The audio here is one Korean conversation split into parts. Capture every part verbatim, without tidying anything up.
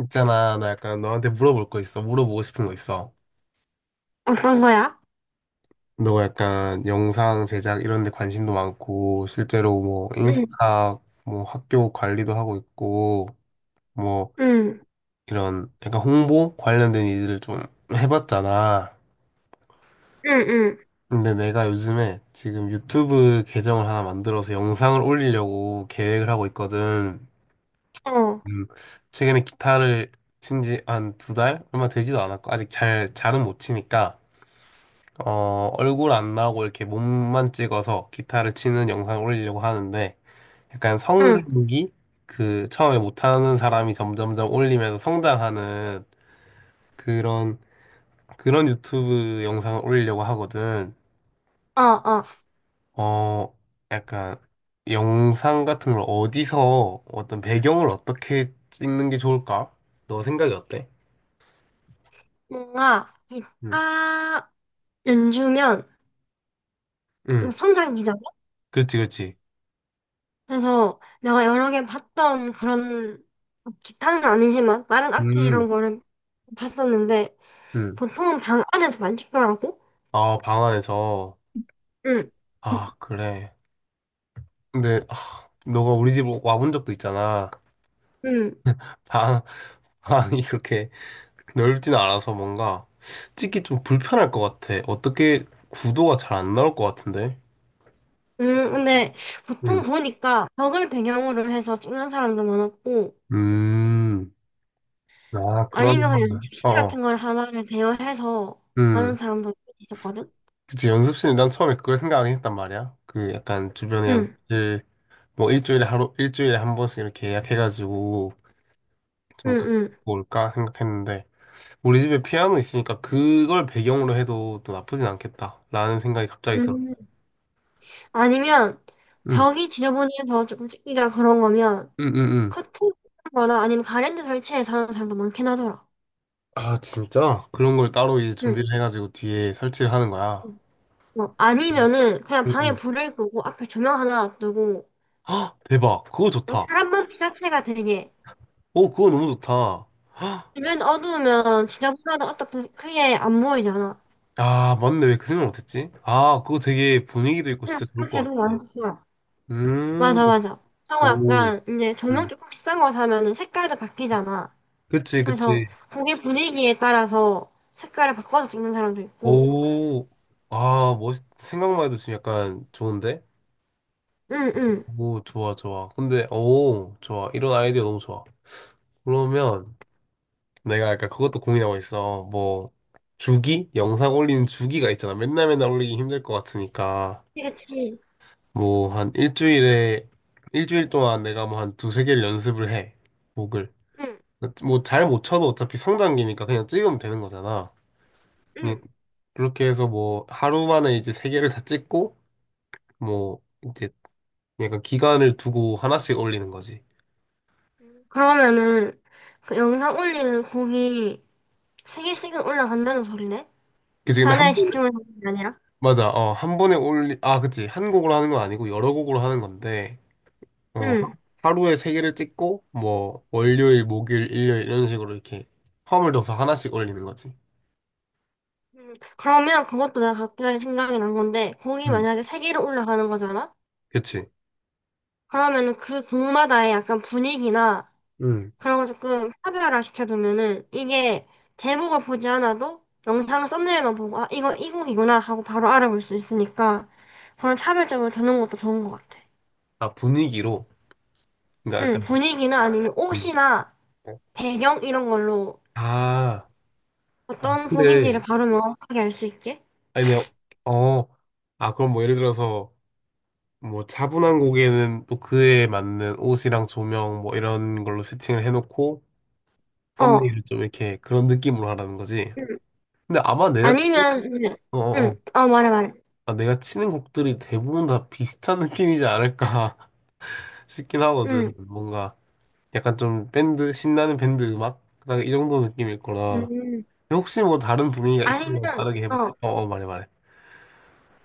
있잖아, 나 약간 너한테 물어볼 거 있어. 물어보고 싶은 거 있어. 어떤 거야? 너 약간 영상 제작 이런 데 관심도 많고, 실제로 뭐 응, 인스타, 뭐 학교 관리도 하고 있고, 뭐 응, 이런 약간 홍보 관련된 일들을 좀 해봤잖아. 응, 응, 근데 내가 요즘에 지금 유튜브 계정을 하나 만들어서 영상을 올리려고 계획을 하고 있거든. 어, 음, 최근에 기타를 친지 한 두 달? 얼마 되지도 않았고, 아직 잘, 잘은 못 치니까. 어, 얼굴 안 나오고 이렇게 몸만 찍어서 기타를 치는 영상을 올리려고 하는데 약간 응, 성장기 그 처음에 못하는 사람이 점점점 올리면서 성장하는 그런 그런 유튜브 영상을 올리려고 하거든. 어, 어. 어, 약간 영상 같은 걸 어디서 어떤 배경을 어떻게 찍는 게 좋을까? 너 생각이 어때? 뭔가 응, 기타 연주면 응, 성장기잖아. 그렇지, 그렇지. 그래서 내가 여러 개 봤던 그런 기타는 아니지만 다른 악기 음, 이런 거는 봤었는데 음. 보통은 방 안에서만 찍더라고. 아, 방 안에서. 응, 응, 아, 그래. 근데 너가 우리 집 와본 적도 있잖아. 응. 방, 방이 그렇게 넓진 않아서 뭔가 찍기 좀 불편할 것 같아. 어떻게 구도가 잘 안 나올 것 같은데? 음, 근데 보통 응. 보니까 벽을 배경으로 해서 찍는 사람도 많았고, 음. 아, 아니면 그냥 그러면, 어, 연습실 어. 같은 걸 하나를 대여해서 하는 음. 사람도 있었거든. 그치, 연습실이 난 처음에 그걸 생각하긴 했단 말이야. 그 약간 주변에 응, 연습실, 뭐 일주일에 하루, 일주일에 한 번씩 이렇게 예약해가지고 응, 좀 갖고 응, 올까 생각했는데, 우리 집에 피아노 있으니까 그걸 배경으로 해도 또 나쁘진 않겠다. 라는 생각이 갑자기 응. 들었어. 아니면 응, 벽이 지저분해서 조금 찢기다 그런 거면 응, 응, 응. 커튼 거나 아니면 가랜드 설치해서 하는 사람도 많긴 하더라. 아, 진짜? 그런 걸 따로 이제 응. 준비를 해가지고 뒤에 설치를 하는 거야. 응. 뭐 아니면은 그냥 응, 방에 응. 불을 끄고 앞에 조명 하나 놔두고 헉, 대박. 그거 뭐 좋다. 사람만 피사체가 되게 오, 그거 너무 좋다. 헉, 주변 어두우면 지저분하다 어떻게 크게 안 보이잖아. 아, 맞네. 왜 그 생각 못했지? 아, 그거 되게 분위기도 있고 응, 진짜 좋을 그렇게 것 해도 같아. 많더라. 음, 맞아, 맞아. 하고 오, 약간 이제 조명 음. 조금 비싼 거 사면은 색깔도 바뀌잖아. 그치, 그래서 그치. 거기 분위기에 따라서 색깔을 바꿔서 찍는 사람도 있고, 오, 아, 멋있, 생각만 해도 지금 약간 좋은데? 응, 응. 오, 좋아, 좋아. 근데, 오, 좋아. 이런 아이디어 너무 좋아. 그러면, 내가 약간 그것도 고민하고 있어. 뭐, 주기? 영상 올리는 주기가 있잖아. 맨날 맨날 올리기 힘들 것 같으니까. 그치, 지 뭐, 한 일주일에, 일주일 동안 내가 뭐 한 두 세 개를 연습을 해. 곡을. 응, 뭐, 잘 못 쳐도 어차피 성장기니까 그냥 찍으면 되는 거잖아. 그냥 응. 그렇게 해서 뭐, 하루 만에 이제 세 개를 다 찍고, 뭐, 이제 약간 기간을 두고 하나씩 올리는 거지. 그러면은 그 영상 올리는 곡이 세 개씩은 올라간다는 소리네? 그치, 근데 하나에 한 번에, 집중 하는 게 아니라? 맞아. 어, 한 번에 올리, 아, 그치. 한 곡으로 하는 건 아니고 여러 곡으로 하는 건데, 어, 하- 응. 하루에 세 개를 찍고, 뭐, 월요일, 목요일, 일요일, 이런 식으로 이렇게 허을둬서 하나씩 올리는 거지. 그러면 그것도 내가 갑자기 생각이 난 건데, 곡이 음. 만약에 세 개로 올라가는 거잖아? 그치? 그러면은 그 곡마다의 약간 분위기나 응. 그런 거 조금 차별화 시켜두면은 이게 제목을 보지 않아도 영상 썸네일만 보고 아 이거 이곡이구나 하고 바로 알아볼 수 있으니까 그런 차별점을 두는 것도 좋은 것 같아. 아, 분위기로. 그러니까 응, 약간, 분위기나 아니면 음. 옷이나 음. 배경 이런 걸로 아, 아, 어떤 곡인지를 근데, 바로 명확하게 알 수 있게. 아니, 내가, 어, 아, 그럼 뭐 예를 들어서, 뭐 차분한 곡에는 또 그에 맞는 옷이랑 조명 뭐 이런 걸로 세팅을 해놓고, 어. 썸네일을 좀 이렇게 그런 느낌으로 하라는 거지. 응. 근데 아마 내가, 아니면 응. 어어어. 응. 어, 말해 말해. 아, 내가 치는 곡들이 대부분 다 비슷한 느낌이지 않을까 싶긴 하거든. 응. 뭔가 약간 좀 밴드, 신나는 밴드 음악? 그냥 이 정도 느낌일 거라. 음. 혹시 뭐 다른 분위기가 있으면 아니면 다르게 해볼게. 어. 어, 어, 말해, 말해.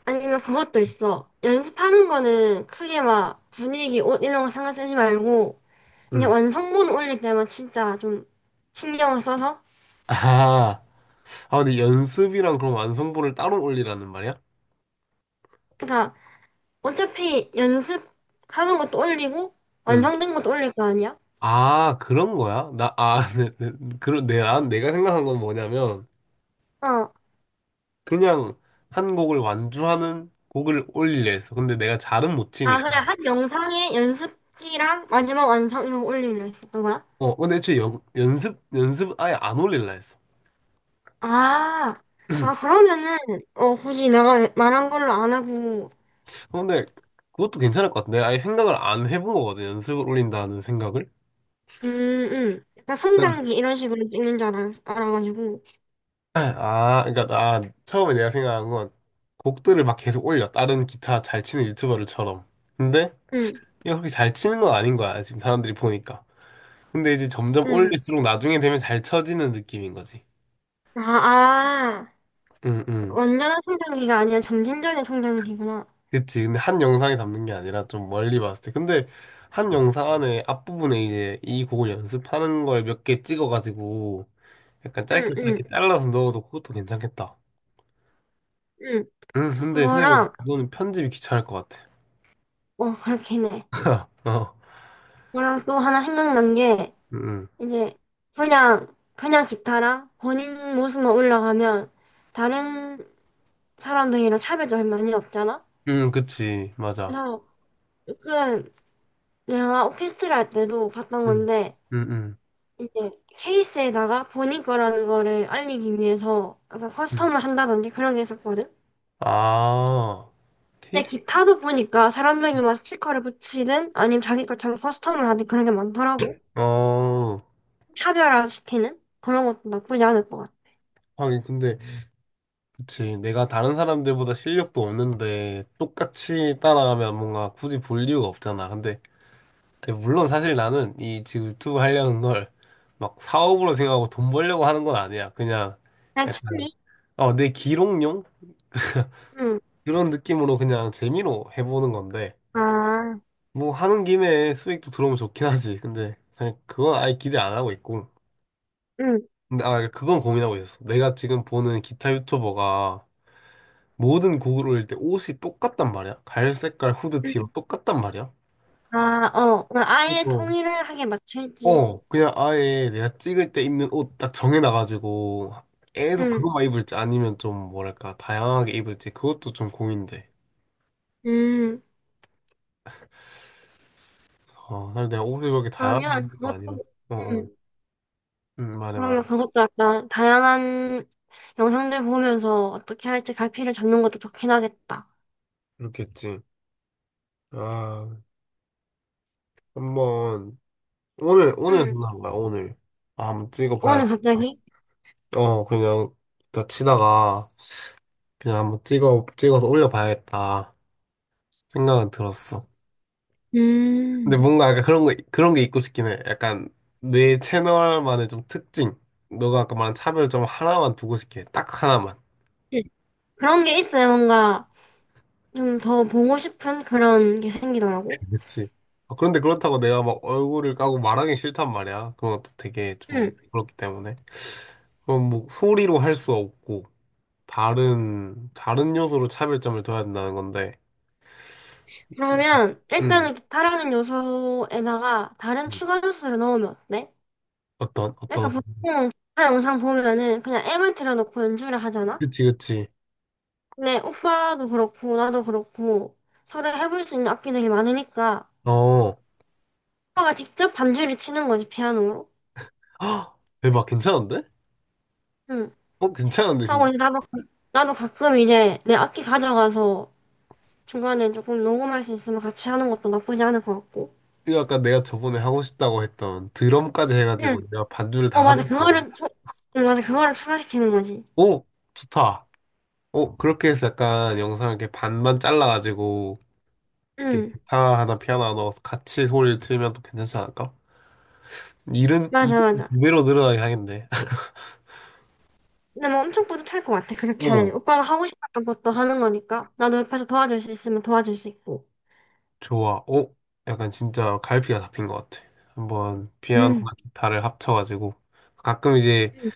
아니면 그것도 있어. 연습하는 거는 크게 막 분위기, 옷 이런 거 상관 쓰지 말고 그냥 응. 완성본 올릴 때만 진짜 좀 신경을 써서. 아, 아, 근데 연습이랑 그럼 완성본을 따로 올리라는 말이야? 그니까 어차피 연습하는 것도 올리고 응. 완성된 것도 올릴 거 아니야? 아, 그런 거야? 나, 아, 네, 네, 그런, 내, 난 내가 생각한 건 뭐냐면, 어. 그냥 한 곡을 완주하는 곡을 올리려 했어. 근데 내가 잘은 못 아 치니까. 그냥 한 영상에 연습기랑 마지막 완성 이런 거 올리려 했었던 거야? 어, 근데 애초에 연, 연습, 연습 아예 안 올릴라 했어. 아, 아 그러면은 어 굳이 내가 말한 걸로 안 하고. 어, 근데 그것도 괜찮을 것 같은데. 아예 생각을 안 해본 거거든. 연습을 올린다는 생각을. 음, 음. 약간 난, 성장기 이런 식으로 찍는 줄 알아, 알아가지고 아, 그러니까 나 처음에 내가 생각한 건 곡들을 막 계속 올려. 다른 기타 잘 치는 유튜버들처럼. 근데 음, 이게 그렇게 잘 치는 건 아닌 거야. 지금 사람들이 보니까. 근데 이제 점점 음. 올릴수록 나중에 되면 잘 쳐지는 느낌인 거지. 아, 아. 응, 응. 완전한 성장기가 아니라 점진적인 성장기구나. 그치. 근데 한 영상에 담는 게 아니라 좀 멀리 봤을 때. 근데 한 영상 안에 앞부분에 이제 이 곡을 연습하는 걸 몇 개 찍어가지고 약간 응, 짧게 짧게 응. 잘라서 넣어도 그것도 괜찮겠다. 응, 음, 근데 생각해보니까 그거랑, 그거는 편집이 귀찮을 것 같아. 어, 그렇긴 해. 어. 그거랑 또 하나 생각난 게, 음, 음, 이제, 그냥, 그냥 기타랑 본인 모습만 올라가면, 다른 사람들이랑 차별점이 많이 없잖아? 음, 그치. 맞아. 그래서, 그, 내가 오케스트라 할 때도 봤던 음, 건데, 음, 음. 이제, 케이스에다가 본인 거라는 거를 알리기 위해서, 약간 음. 커스텀을 한다든지 그런 게 있었거든? 아, 근데 테이스? 기타도 보니까 사람들이 막 스티커를 붙이든, 아니면 자기 것처럼 커스텀을 하든 그런 게 많더라고. 어, 차별화시키는 그런 것도 나쁘지 않을 것 같아. 하긴 근데, 그치. 내가 다른 사람들보다 실력도 없는데 똑같이 따라가면 뭔가 굳이 볼 이유가 없잖아. 근데 근데 물론 사실 나는 이 지금 유튜브 하려는 걸 막 사업으로 생각하고 돈 벌려고 하는 건 아니야. 그냥 그냥 약간 취미? 어, 내 기록용 응. 이런 느낌으로 그냥 재미로 해보는 건데 아, 뭐 하는 김에 수익도 들어오면 좋긴 하지. 근데 사실 그건 아예 기대 안 하고 있고. 응, 근데 아 그건 고민하고 있었어. 내가 지금 보는 기타 유튜버가 모든 곡을 올릴 때 옷이 똑같단 말이야. 갈 색깔 후드티로 응. 똑같단 말이야. 아, 어. 그냥 아예 그거 통일하게 맞출지. 어, 그냥 아예 내가 찍을 때 입는 옷 딱 정해놔가지고 계속 응, 그것만 입을지 아니면 좀 뭐랄까 다양하게 입을지 그것도 좀 고민돼. 음. 어, 사실 내가 옷을 그렇게 다양하게 그러면 입는 거 그것도, 아니라서. 어, 어. 응. 응, 말해, 그러면 말해. 그것도 약간 다양한 영상들 보면서 어떻게 할지 갈피를 잡는 것도 좋긴 하겠다. 그렇겠지. 아, 한번 오늘 오늘 응. 생각한 거야, 오늘. 아, 한번 오늘 찍어봐야겠다. 갑자기? 어, 그냥 다 치다가 그냥 한번 찍어 찍어서 올려봐야겠다 생각은 들었어. 근데 음. 뭔가 약간 그런 거, 그런 게 있고 싶긴 해. 약간 내 채널만의 좀 특징. 너가 아까 말한 차별 좀 하나만 두고 싶게. 딱 하나만. 그런 게 있어요. 뭔가 좀 더 보고 싶은 그런 게 생기더라고. 그치. 아, 그런데 그렇다고 내가 막 얼굴을 까고 말하기 싫단 말이야. 그런 것도 되게 좀 응. 그렇기 때문에. 그럼 뭐 소리로 할 수 없고, 다른, 다른 요소로 차별점을 둬야 된다는 건데. 그러면 음. 일단은 기타라는 요소에다가 다른 음. 추가 요소를 넣으면 어때? 어떤, 그러니까 어떤. 보통 기타 영상 보면은 그냥 앱을 틀어놓고 연주를 하잖아? 그치, 그치. 근데 오빠도 그렇고 나도 그렇고 서로 해볼 수 있는 악기들이 많으니까 어. 오빠가 직접 반주를 치는 거지 피아노로. 헉, 대박. 괜찮은데? 응. 어, 괜찮은데, 하고 진짜. 이제 나도 가- 나도 가끔 이제 내 악기 가져가서 중간에 조금 녹음할 수 있으면 같이 하는 것도 나쁘지 않을 것 같고. 이거 아까 내가 저번에 하고 싶다고 했던 드럼까지 응. 해가지고 내가 반주를 어 다 맞아 하는 거. 그거를 추- 응 맞아 그거를 추가시키는 거지. 오, 좋다. 오, 그렇게 해서 약간 영상을 이렇게 반만 잘라가지고 이렇게 응. 기타 하나 피아노 하나 넣어서 같이 소리를 틀면 또 괜찮지 않을까? 일은 맞아 이거 맞아. 두 배로 늘어나게 하겠네. 근데 뭐 엄청 뿌듯할 것 같아. 그렇게 오, 하면. 오빠가 하고 싶었던 것도 하는 거니까. 나도 옆에서 도와줄 수 있으면 도와줄 수 있고. 좋아. 오, 약간 진짜 갈피가 잡힌 것 같아. 한번 피아노나 응. 기타를 합쳐가지고 가끔 이제 응.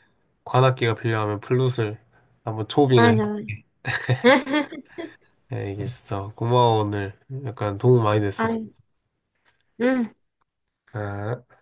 관악기가 필요하면 플룻을 한번 초빙을 해. 맞아, 맞아. 네, 알겠어. 고마워 오늘. 약간 도움 많이 됐어. 아이, 응. 아.